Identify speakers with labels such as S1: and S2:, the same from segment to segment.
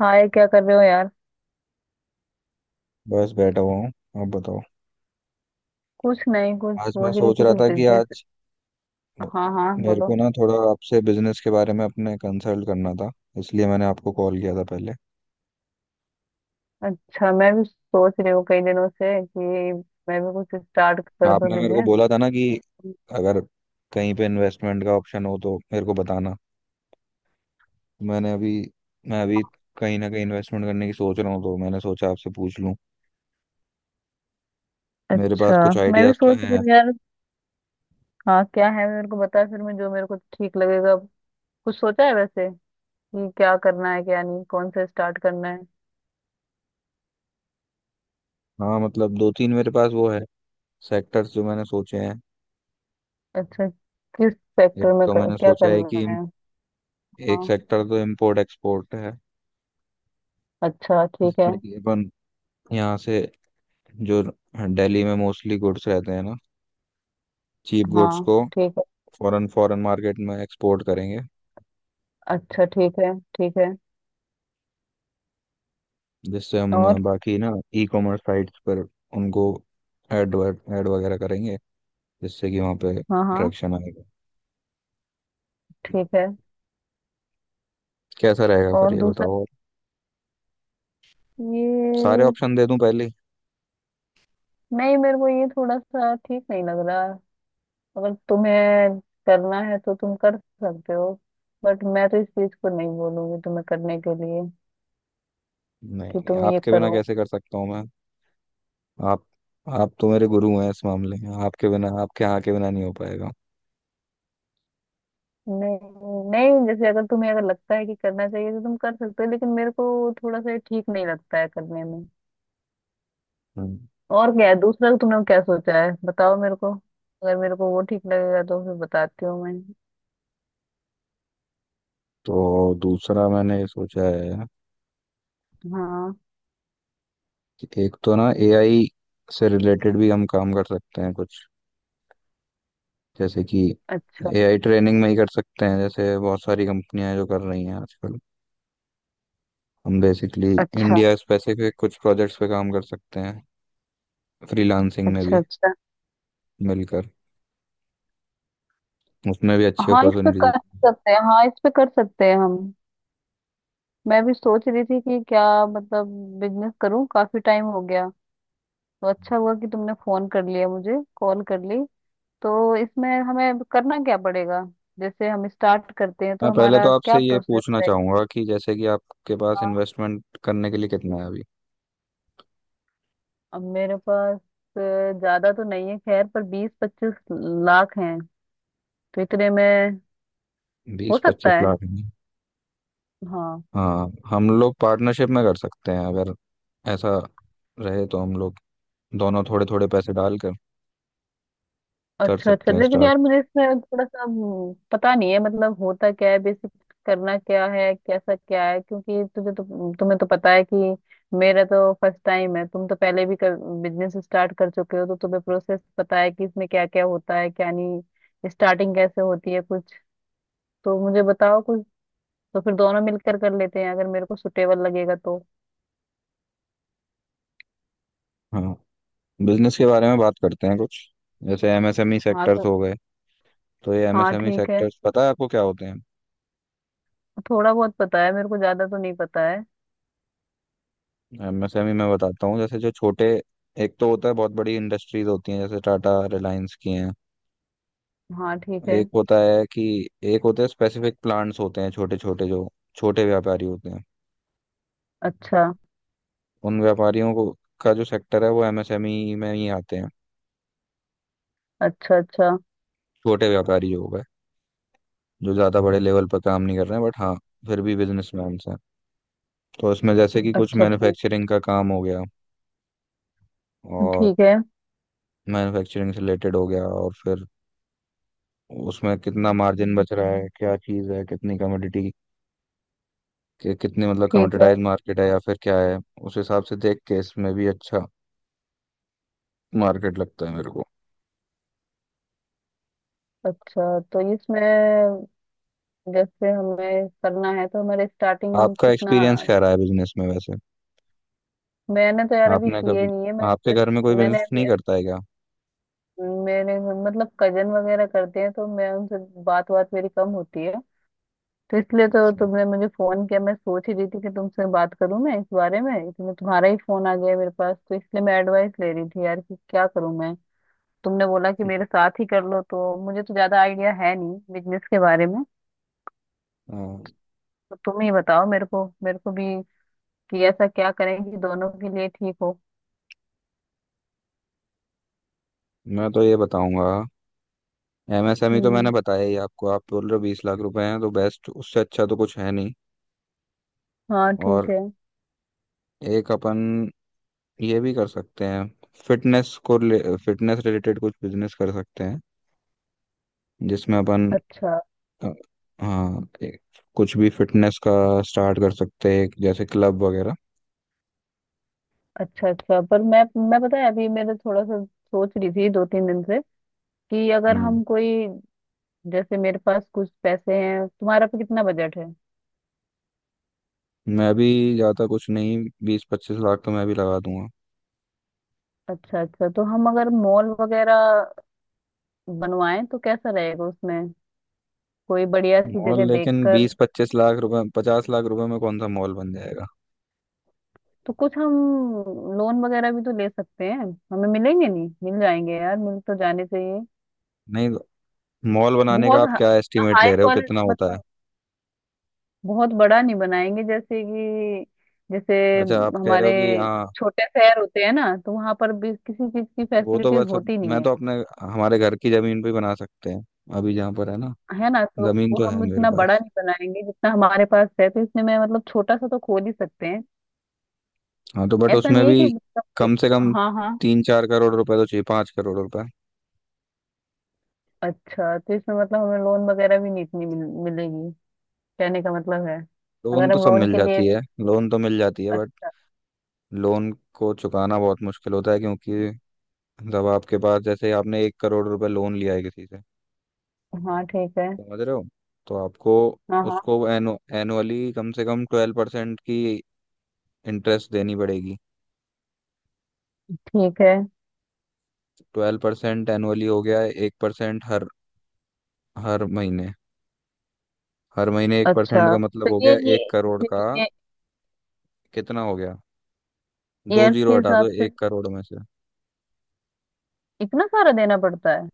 S1: हाय, क्या कर रहे हो यार।
S2: बस बैठा हुआ हूँ। आप बताओ।
S1: कुछ नहीं, कुछ
S2: आज मैं
S1: सोच रही
S2: सोच
S1: थी,
S2: रहा
S1: कुछ
S2: था कि
S1: बिजनेस।
S2: म-
S1: हाँ हाँ,
S2: मेरे
S1: बोलो।
S2: को ना थोड़ा आपसे बिजनेस के बारे में अपने कंसल्ट करना था। इसलिए मैंने आपको कॉल किया था पहले।
S1: अच्छा, मैं भी सोच रही हूँ कई दिनों से कि मैं भी कुछ स्टार्ट कर दूँ
S2: आपने मेरे को
S1: बिजनेस।
S2: बोला था ना कि अगर कहीं पे इन्वेस्टमेंट का ऑप्शन हो तो मेरे को बताना। मैंने अभी मैं अभी कहीं ना कहीं इन्वेस्टमेंट करने की सोच रहा हूँ, तो मैंने सोचा आपसे पूछ लूँ। मेरे
S1: अच्छा,
S2: पास कुछ
S1: मैं भी
S2: आइडियाज तो
S1: सोच रही
S2: हैं।
S1: हूँ यार। हाँ, क्या है, मेरे को बता, फिर मैं जो मेरे को ठीक लगेगा। कुछ सोचा है वैसे कि क्या करना है, क्या नहीं, कौन से स्टार्ट करना है।
S2: हाँ मतलब दो तीन मेरे पास वो है सेक्टर्स जो मैंने सोचे हैं।
S1: अच्छा। किस
S2: एक
S1: सेक्टर में
S2: तो मैंने
S1: क्या
S2: सोचा है कि
S1: करना है।
S2: एक
S1: हाँ।
S2: सेक्टर तो इम्पोर्ट एक्सपोर्ट है,
S1: अच्छा ठीक है।
S2: जिसमें कि अपन यहाँ से जो दिल्ली में मोस्टली गुड्स रहते हैं ना चीप गुड्स
S1: हाँ
S2: को
S1: ठीक है।
S2: फॉरेन फॉरेन मार्केट में एक्सपोर्ट करेंगे।
S1: अच्छा ठीक है, ठीक है।
S2: जिससे
S1: और।
S2: हम बाकी ना ई कॉमर्स साइट्स पर उनको एड एड वगैरह करेंगे, जिससे कि वहाँ पे
S1: हाँ हाँ।
S2: ट्रैक्शन आएगा।
S1: ठीक है।
S2: कैसा रहेगा फिर
S1: और
S2: ये
S1: दूसरा
S2: बताओ? सारे
S1: ये।
S2: ऑप्शन दे दूं पहले ही?
S1: नहीं, मेरे को ये थोड़ा सा ठीक नहीं लग रहा। अगर तुम्हें करना है तो तुम कर सकते हो, बट मैं तो इस चीज को नहीं बोलूंगी तुम्हें करने के लिए
S2: नहीं
S1: कि
S2: नहीं,
S1: तुम ये
S2: आपके बिना
S1: करो।
S2: कैसे कर सकता हूँ मैं। आप आप तो मेरे गुरु हैं इस मामले में, आपके बिना आपके यहाँ के बिना नहीं हो पाएगा।
S1: नहीं नहीं, जैसे अगर तुम्हें, अगर लगता है कि करना चाहिए तो तुम कर सकते हो, लेकिन मेरे को थोड़ा सा ये ठीक नहीं लगता है करने में।
S2: हम्म,
S1: और क्या है दूसरा, तुमने क्या सोचा है, बताओ मेरे को। अगर मेरे को वो ठीक लगेगा तो फिर बताती हूँ मैं।
S2: तो दूसरा मैंने सोचा है
S1: हाँ।
S2: कि एक तो ना एआई से रिलेटेड भी हम काम कर सकते हैं कुछ। जैसे कि
S1: अच्छा
S2: एआई ट्रेनिंग में ही कर सकते हैं, जैसे बहुत सारी कंपनियां हैं जो कर रही हैं आजकल। हम बेसिकली
S1: अच्छा।
S2: इंडिया स्पेसिफिक कुछ प्रोजेक्ट्स पे काम कर सकते हैं, फ्रीलांसिंग में
S1: अच्छा
S2: भी
S1: अच्छा।
S2: मिलकर। उसमें भी अच्छी
S1: हाँ इस पे
S2: अपॉर्चुनिटीज।
S1: कर सकते हैं, हाँ इस पे कर सकते हैं हम। मैं भी सोच रही थी कि क्या, मतलब बिजनेस करूं, काफी टाइम हो गया। तो अच्छा हुआ कि तुमने फोन कर लिया मुझे, कॉल कर ली। तो इसमें हमें करना क्या पड़ेगा, जैसे हम स्टार्ट करते हैं तो
S2: मैं पहले तो
S1: हमारा
S2: आपसे
S1: क्या
S2: ये
S1: प्रोसेस
S2: पूछना चाहूंगा कि जैसे कि आपके पास
S1: रहेगा।
S2: इन्वेस्टमेंट करने के लिए कितना है अभी।
S1: अब मेरे पास ज्यादा तो नहीं है खैर, पर 20-25 लाख हैं, तो इतने में हो
S2: बीस पच्चीस
S1: सकता है।
S2: लाख
S1: हाँ।
S2: हाँ हम लोग पार्टनरशिप में कर सकते हैं, अगर ऐसा रहे तो हम लोग दोनों थोड़े थोड़े पैसे डाल कर कर
S1: अच्छा अच्छा,
S2: सकते हैं
S1: लेकिन
S2: स्टार्ट।
S1: यार मुझे इसमें थोड़ा सा पता नहीं है, मतलब होता क्या है बेसिक, करना क्या है, कैसा क्या है, क्योंकि तुझे तो, तुम्हें तो पता है कि मेरा तो फर्स्ट टाइम है। तुम तो पहले भी बिजनेस स्टार्ट कर चुके हो, तो तुम्हें प्रोसेस पता है कि इसमें क्या क्या होता है, क्या नहीं, स्टार्टिंग कैसे होती है कुछ। तो मुझे बताओ कुछ, तो फिर दोनों मिलकर कर लेते हैं, अगर मेरे को सुटेबल लगेगा तो।
S2: हाँ बिजनेस के बारे में बात करते हैं कुछ। जैसे एमएसएमई
S1: हाँ
S2: सेक्टर्स
S1: तो
S2: हो गए। तो ये
S1: हाँ
S2: एमएसएमई
S1: ठीक है।
S2: सेक्टर्स पता है आपको क्या होते हैं?
S1: थोड़ा बहुत पता है मेरे को, ज्यादा तो नहीं पता है।
S2: एमएसएमई मैं बताता हूँ, जैसे जो छोटे, एक तो होता है बहुत बड़ी इंडस्ट्रीज होती हैं जैसे टाटा रिलायंस की हैं।
S1: हाँ ठीक है।
S2: एक होता है कि एक होते हैं स्पेसिफिक प्लांट्स होते हैं छोटे छोटे, जो छोटे व्यापारी होते हैं।
S1: अच्छा
S2: उन व्यापारियों को का जो सेक्टर है वो एमएसएमई में ही आते हैं।
S1: अच्छा। अच्छा
S2: छोटे व्यापारी जो हो गए, जो ज़्यादा बड़े लेवल पर काम नहीं कर रहे हैं, बट हाँ फिर भी बिजनेसमैन हैं। तो इसमें जैसे कि कुछ
S1: अच्छा। ठीक
S2: मैन्युफैक्चरिंग का काम हो गया और
S1: ठीक है।
S2: मैन्युफैक्चरिंग से रिलेटेड हो गया, और फिर उसमें कितना मार्जिन बच रहा है, क्या चीज़ है, कितनी कमोडिटी, कितनी मतलब
S1: ठीक है।
S2: कमोडिटाइज मार्केट है या फिर क्या है। उस हिसाब से देख के इसमें भी अच्छा मार्केट लगता है मेरे को।
S1: अच्छा तो इसमें जैसे हमें करना है, तो हमारे स्टार्टिंग
S2: आपका
S1: कितना।
S2: एक्सपीरियंस क्या रहा है बिजनेस में वैसे?
S1: मैंने तो यार अभी
S2: आपने
S1: किए
S2: कभी
S1: नहीं है, मैं
S2: आपके घर में कोई
S1: मैंने
S2: बिजनेस
S1: अभी,
S2: नहीं करता है क्या?
S1: मेरे मतलब कजन वगैरह करते हैं, तो मैं उनसे बात बात मेरी कम होती है। तो इसलिए तो
S2: अच्छा।
S1: तुमने मुझे फोन किया, मैं सोच ही रही थी कि तुमसे बात करूं मैं इस बारे में, इसमें तुम्हारा ही फोन आ गया मेरे पास। तो इसलिए मैं एडवाइस ले रही थी यार, कि क्या करूं मैं। तुमने बोला कि मेरे साथ ही कर लो, तो मुझे तो ज्यादा आइडिया है नहीं बिजनेस के बारे में।
S2: हाँ,
S1: तो तुम ही बताओ मेरे को, मेरे को भी, कि ऐसा क्या करें कि दोनों के लिए ठीक हो।
S2: मैं तो ये बताऊंगा। एमएसएमई तो मैंने
S1: हम्म।
S2: बताया ही आपको। आप बोल रहे हो 20 लाख रुपए हैं, तो बेस्ट उससे अच्छा तो कुछ है नहीं।
S1: हाँ ठीक
S2: और
S1: है।
S2: एक अपन ये भी कर सकते हैं, फिटनेस को फिटनेस रिलेटेड कुछ बिजनेस कर सकते हैं जिसमें अपन
S1: अच्छा
S2: अ, हाँ कुछ भी फिटनेस का स्टार्ट कर सकते हैं जैसे क्लब वगैरह।
S1: अच्छा अच्छा पर मैं, पता है अभी मेरे थोड़ा सा सोच रही थी 2-3 दिन से कि अगर
S2: हम्म
S1: हम कोई, जैसे मेरे पास कुछ पैसे हैं, तुम्हारा पे कितना बजट है।
S2: मैं भी ज़्यादा कुछ नहीं, 20-25 लाख तो मैं भी लगा दूंगा।
S1: अच्छा अच्छा, तो हम अगर मॉल वगैरह बनवाएं तो कैसा रहेगा उसमें, कोई बढ़िया सी
S2: मॉल?
S1: जगह
S2: लेकिन
S1: देखकर।
S2: 20-25 लाख रुपए 50 लाख रुपए में कौन सा मॉल बन जाएगा?
S1: तो कुछ हम लोन वगैरह भी तो ले सकते हैं, हमें मिलेंगे, नहीं मिल जाएंगे यार, मिल तो जाने चाहिए।
S2: नहीं, मॉल बनाने का
S1: बहुत
S2: आप क्या एस्टिमेट
S1: हाई
S2: ले रहे हो कितना
S1: क्वालिटी
S2: होता है?
S1: मतलब, बहुत बड़ा नहीं बनाएंगे, जैसे कि, जैसे
S2: अच्छा आप कह रहे
S1: हमारे
S2: हो कि हाँ,
S1: छोटे शहर होते हैं ना, तो वहां पर भी किसी चीज की
S2: वो तो
S1: फैसिलिटीज
S2: बस। अब
S1: होती नहीं
S2: मैं
S1: है,
S2: तो अपने हमारे घर की जमीन पे ही बना सकते हैं, अभी जहाँ पर है ना।
S1: है ना, तो
S2: जमीन
S1: वो
S2: तो है
S1: हम
S2: मेरे
S1: इतना बड़ा
S2: पास।
S1: नहीं बनाएंगे, जितना हमारे पास है तो इसमें मैं मतलब छोटा सा तो खोल ही सकते हैं।
S2: हाँ तो बट
S1: ऐसा
S2: उसमें
S1: नहीं है
S2: भी
S1: कि मतलब।
S2: कम से कम
S1: हाँ हाँ।
S2: 3-4 करोड़ रुपए तो चाहिए, 5 करोड़ रुपए।
S1: अच्छा तो इसमें मतलब हमें लोन वगैरह भी नहीं इतनी मिलेगी, कहने का मतलब है,
S2: लोन
S1: अगर
S2: तो
S1: हम
S2: सब
S1: लोन
S2: मिल
S1: के लिए
S2: जाती
S1: भी।
S2: है। लोन तो मिल जाती है बट
S1: अच्छा।
S2: लोन को चुकाना बहुत मुश्किल होता है, क्योंकि जब आपके पास, जैसे आपने 1 करोड़ रुपए लोन लिया है किसी से,
S1: हाँ ठीक है।
S2: समझ रहे हो, तो आपको
S1: हाँ हाँ
S2: उसको एनुअली कम से कम 12% की इंटरेस्ट देनी पड़ेगी।
S1: ठीक है।
S2: 12% एनुअली हो गया है, 1% हर हर महीने। हर महीने 1%
S1: अच्छा
S2: का
S1: तो
S2: मतलब हो
S1: ये
S2: गया
S1: ये
S2: 1 करोड़
S1: फिर
S2: का
S1: ये
S2: कितना हो गया? दो
S1: ईयर्स के
S2: जीरो हटा
S1: हिसाब
S2: दो
S1: से
S2: 1 करोड़ में से।
S1: इतना सारा देना पड़ता है।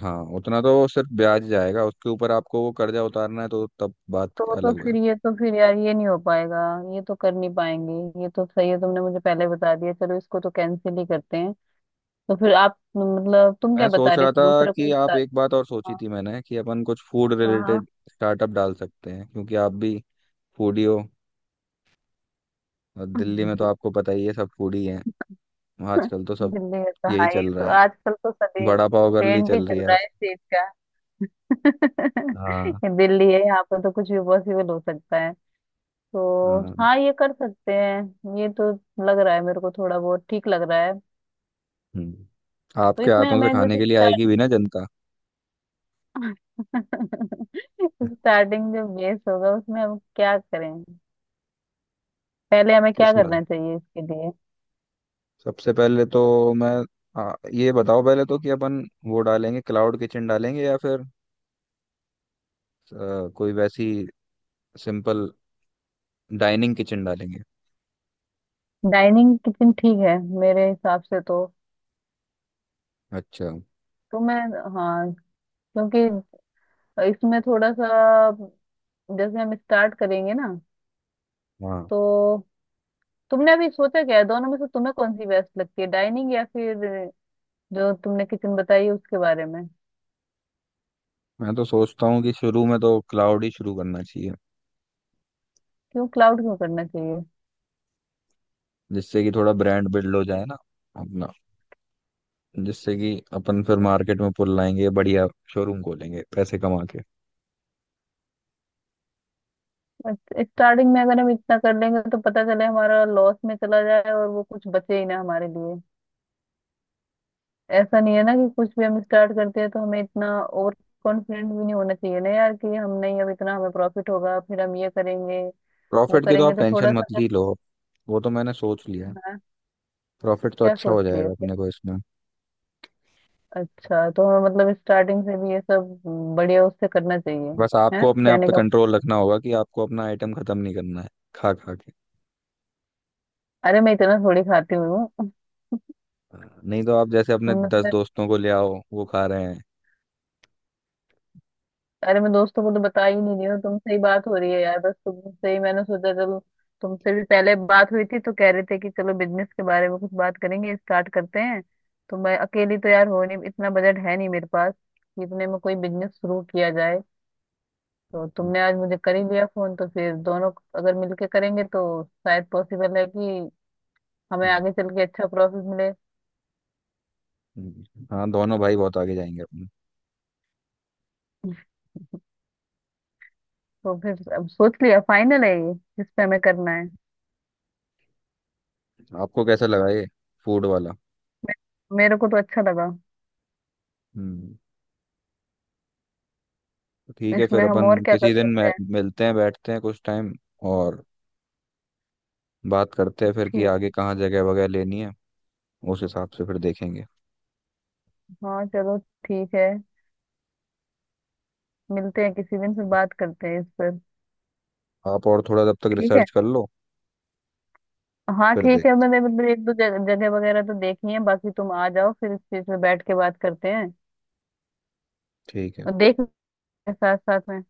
S2: हाँ उतना तो सिर्फ ब्याज जाएगा, उसके ऊपर आपको वो कर्जा उतारना है तो तब बात
S1: तो
S2: अलग है।
S1: फिर ये, तो फिर यार ये नहीं हो पाएगा, ये तो कर नहीं पाएंगे। ये तो सही है तुमने मुझे पहले बता दिया, चलो इसको तो कैंसिल ही करते हैं। तो फिर आप मतलब तुम क्या
S2: मैं
S1: बता
S2: सोच
S1: रहे
S2: रहा
S1: थे,
S2: था
S1: दूसरा कोई
S2: कि आप,
S1: बता।
S2: एक बात और सोची
S1: हाँ।
S2: थी मैंने, कि अपन कुछ फूड
S1: हाँ।
S2: रिलेटेड स्टार्टअप डाल सकते हैं, क्योंकि आप भी फूडी हो। और दिल्ली में तो आपको पता ही है सब फूडी हैं
S1: हाँ।
S2: आजकल, तो सब
S1: दिल्ली का तो
S2: यही
S1: हाँ, ये
S2: चल रहा
S1: तो
S2: है।
S1: आजकल तो सभी
S2: वड़ा पाव गर्ली
S1: ट्रेंड भी
S2: चल रही
S1: चल
S2: है
S1: रहा है
S2: आज।
S1: इस चीज का।
S2: हाँ
S1: ये दिल्ली है, यहाँ पर तो कुछ भी पॉसिबल हो सकता है। तो
S2: हाँ।
S1: हाँ ये कर सकते हैं ये तो, लग रहा है मेरे को थोड़ा बहुत ठीक लग रहा है।
S2: हम्म।
S1: तो
S2: आपके
S1: इसमें
S2: हाथों से
S1: हमें
S2: खाने
S1: जैसे
S2: के लिए आएगी
S1: स्टार्ट,
S2: भी ना जनता।
S1: स्टार्टिंग जो बेस होगा उसमें हम क्या करें, पहले हमें क्या
S2: किस्मत।
S1: करना चाहिए इसके लिए।
S2: सबसे पहले तो मैं ये बताओ पहले तो कि अपन वो डालेंगे क्लाउड किचन डालेंगे या फिर कोई वैसी सिंपल डाइनिंग किचन डालेंगे।
S1: डाइनिंग किचन ठीक है मेरे हिसाब से तो।
S2: अच्छा।
S1: तो मैं। हाँ। क्योंकि इसमें थोड़ा सा, जैसे हम स्टार्ट करेंगे ना
S2: हाँ
S1: तो, तुमने अभी सोचा क्या है दोनों में से तुम्हें कौन सी बेस्ट लगती है, डाइनिंग या फिर जो तुमने किचन बताई उसके बारे में।
S2: मैं तो सोचता हूँ कि शुरू में तो क्लाउड ही शुरू करना चाहिए,
S1: क्यों क्लाउड क्यों करना चाहिए।
S2: जिससे कि थोड़ा ब्रांड बिल्ड हो जाए ना अपना, जिससे कि अपन फिर मार्केट में पुल लाएंगे बढ़िया, शोरूम खोलेंगे पैसे कमा के।
S1: स्टार्टिंग में अगर हम इतना कर लेंगे तो पता चले हमारा लॉस में चला जाए और वो कुछ बचे ही ना हमारे लिए। ऐसा नहीं है ना कि कुछ भी हम स्टार्ट करते हैं तो हमें इतना ओवर कॉन्फिडेंट भी नहीं होना चाहिए ना यार, कि हम नहीं, अब इतना हमें प्रॉफिट होगा फिर हम ये करेंगे, वो
S2: प्रॉफिट की तो
S1: करेंगे।
S2: आप
S1: तो
S2: टेंशन
S1: थोड़ा सा
S2: मत
S1: अगर-
S2: ही लो। वो तो मैंने सोच लिया है,
S1: हाँ।
S2: प्रॉफिट तो
S1: क्या
S2: अच्छा
S1: सोच
S2: हो जाएगा
S1: लिया फिर?
S2: अपने को इसमें।
S1: अच्छा तो हमें मतलब स्टार्टिंग से भी ये सब बढ़िया उससे करना चाहिए।
S2: बस
S1: है
S2: आपको अपने आप
S1: कहने
S2: पे
S1: का मतलब,
S2: कंट्रोल रखना होगा कि आपको अपना आइटम खत्म नहीं करना है खा खा के।
S1: अरे मैं इतना थोड़ी खाती हुई हूँ।
S2: हाँ, नहीं तो आप जैसे अपने दस
S1: तुमने तो,
S2: दोस्तों को ले आओ वो खा रहे हैं।
S1: अरे मैं दोस्तों को तो बता ही नहीं रही हूँ, तुमसे ही बात हो रही है यार, बस तुमसे ही मैंने सोचा चलो, तुमसे भी पहले बात हुई थी तो कह रहे थे कि चलो बिजनेस के बारे में कुछ बात करेंगे, स्टार्ट करते हैं। तो मैं अकेली तो यार हो नहीं, इतना बजट है नहीं मेरे पास कि इतने में कोई बिजनेस शुरू किया जाए। तो
S2: हम्म,
S1: तुमने आज मुझे कर ही लिया फोन तो फिर दोनों अगर मिलके करेंगे तो शायद पॉसिबल है कि हमें आगे चल के अच्छा प्रॉफिट मिले।
S2: हाँ दोनों भाई बहुत आगे जाएंगे अपने।
S1: तो फिर अब सोच लिया, फाइनल है ये जिस पे हमें करना है।
S2: आपको कैसा लगा ये फूड वाला?
S1: मेरे को तो अच्छा लगा।
S2: हम्म। तो ठीक है
S1: इसमें
S2: फिर
S1: हम
S2: अपन
S1: और क्या कर
S2: किसी दिन
S1: सकते
S2: मिलते हैं बैठते हैं कुछ टाइम और बात करते हैं फिर कि
S1: हैं।
S2: आगे कहाँ जगह वगैरह लेनी है, उस हिसाब से फिर देखेंगे।
S1: हाँ चलो ठीक है, मिलते हैं किसी दिन फिर बात करते हैं इस पर।
S2: आप और थोड़ा तब तक
S1: ठीक है,
S2: रिसर्च कर लो,
S1: हाँ
S2: फिर
S1: ठीक
S2: देख।
S1: है, मैंने मतलब एक दो जगह वगैरह तो देखी है, बाकी तुम आ जाओ फिर इस चीज पे बैठ के बात करते हैं,
S2: ठीक है।
S1: और देख लेंगे साथ साथ में।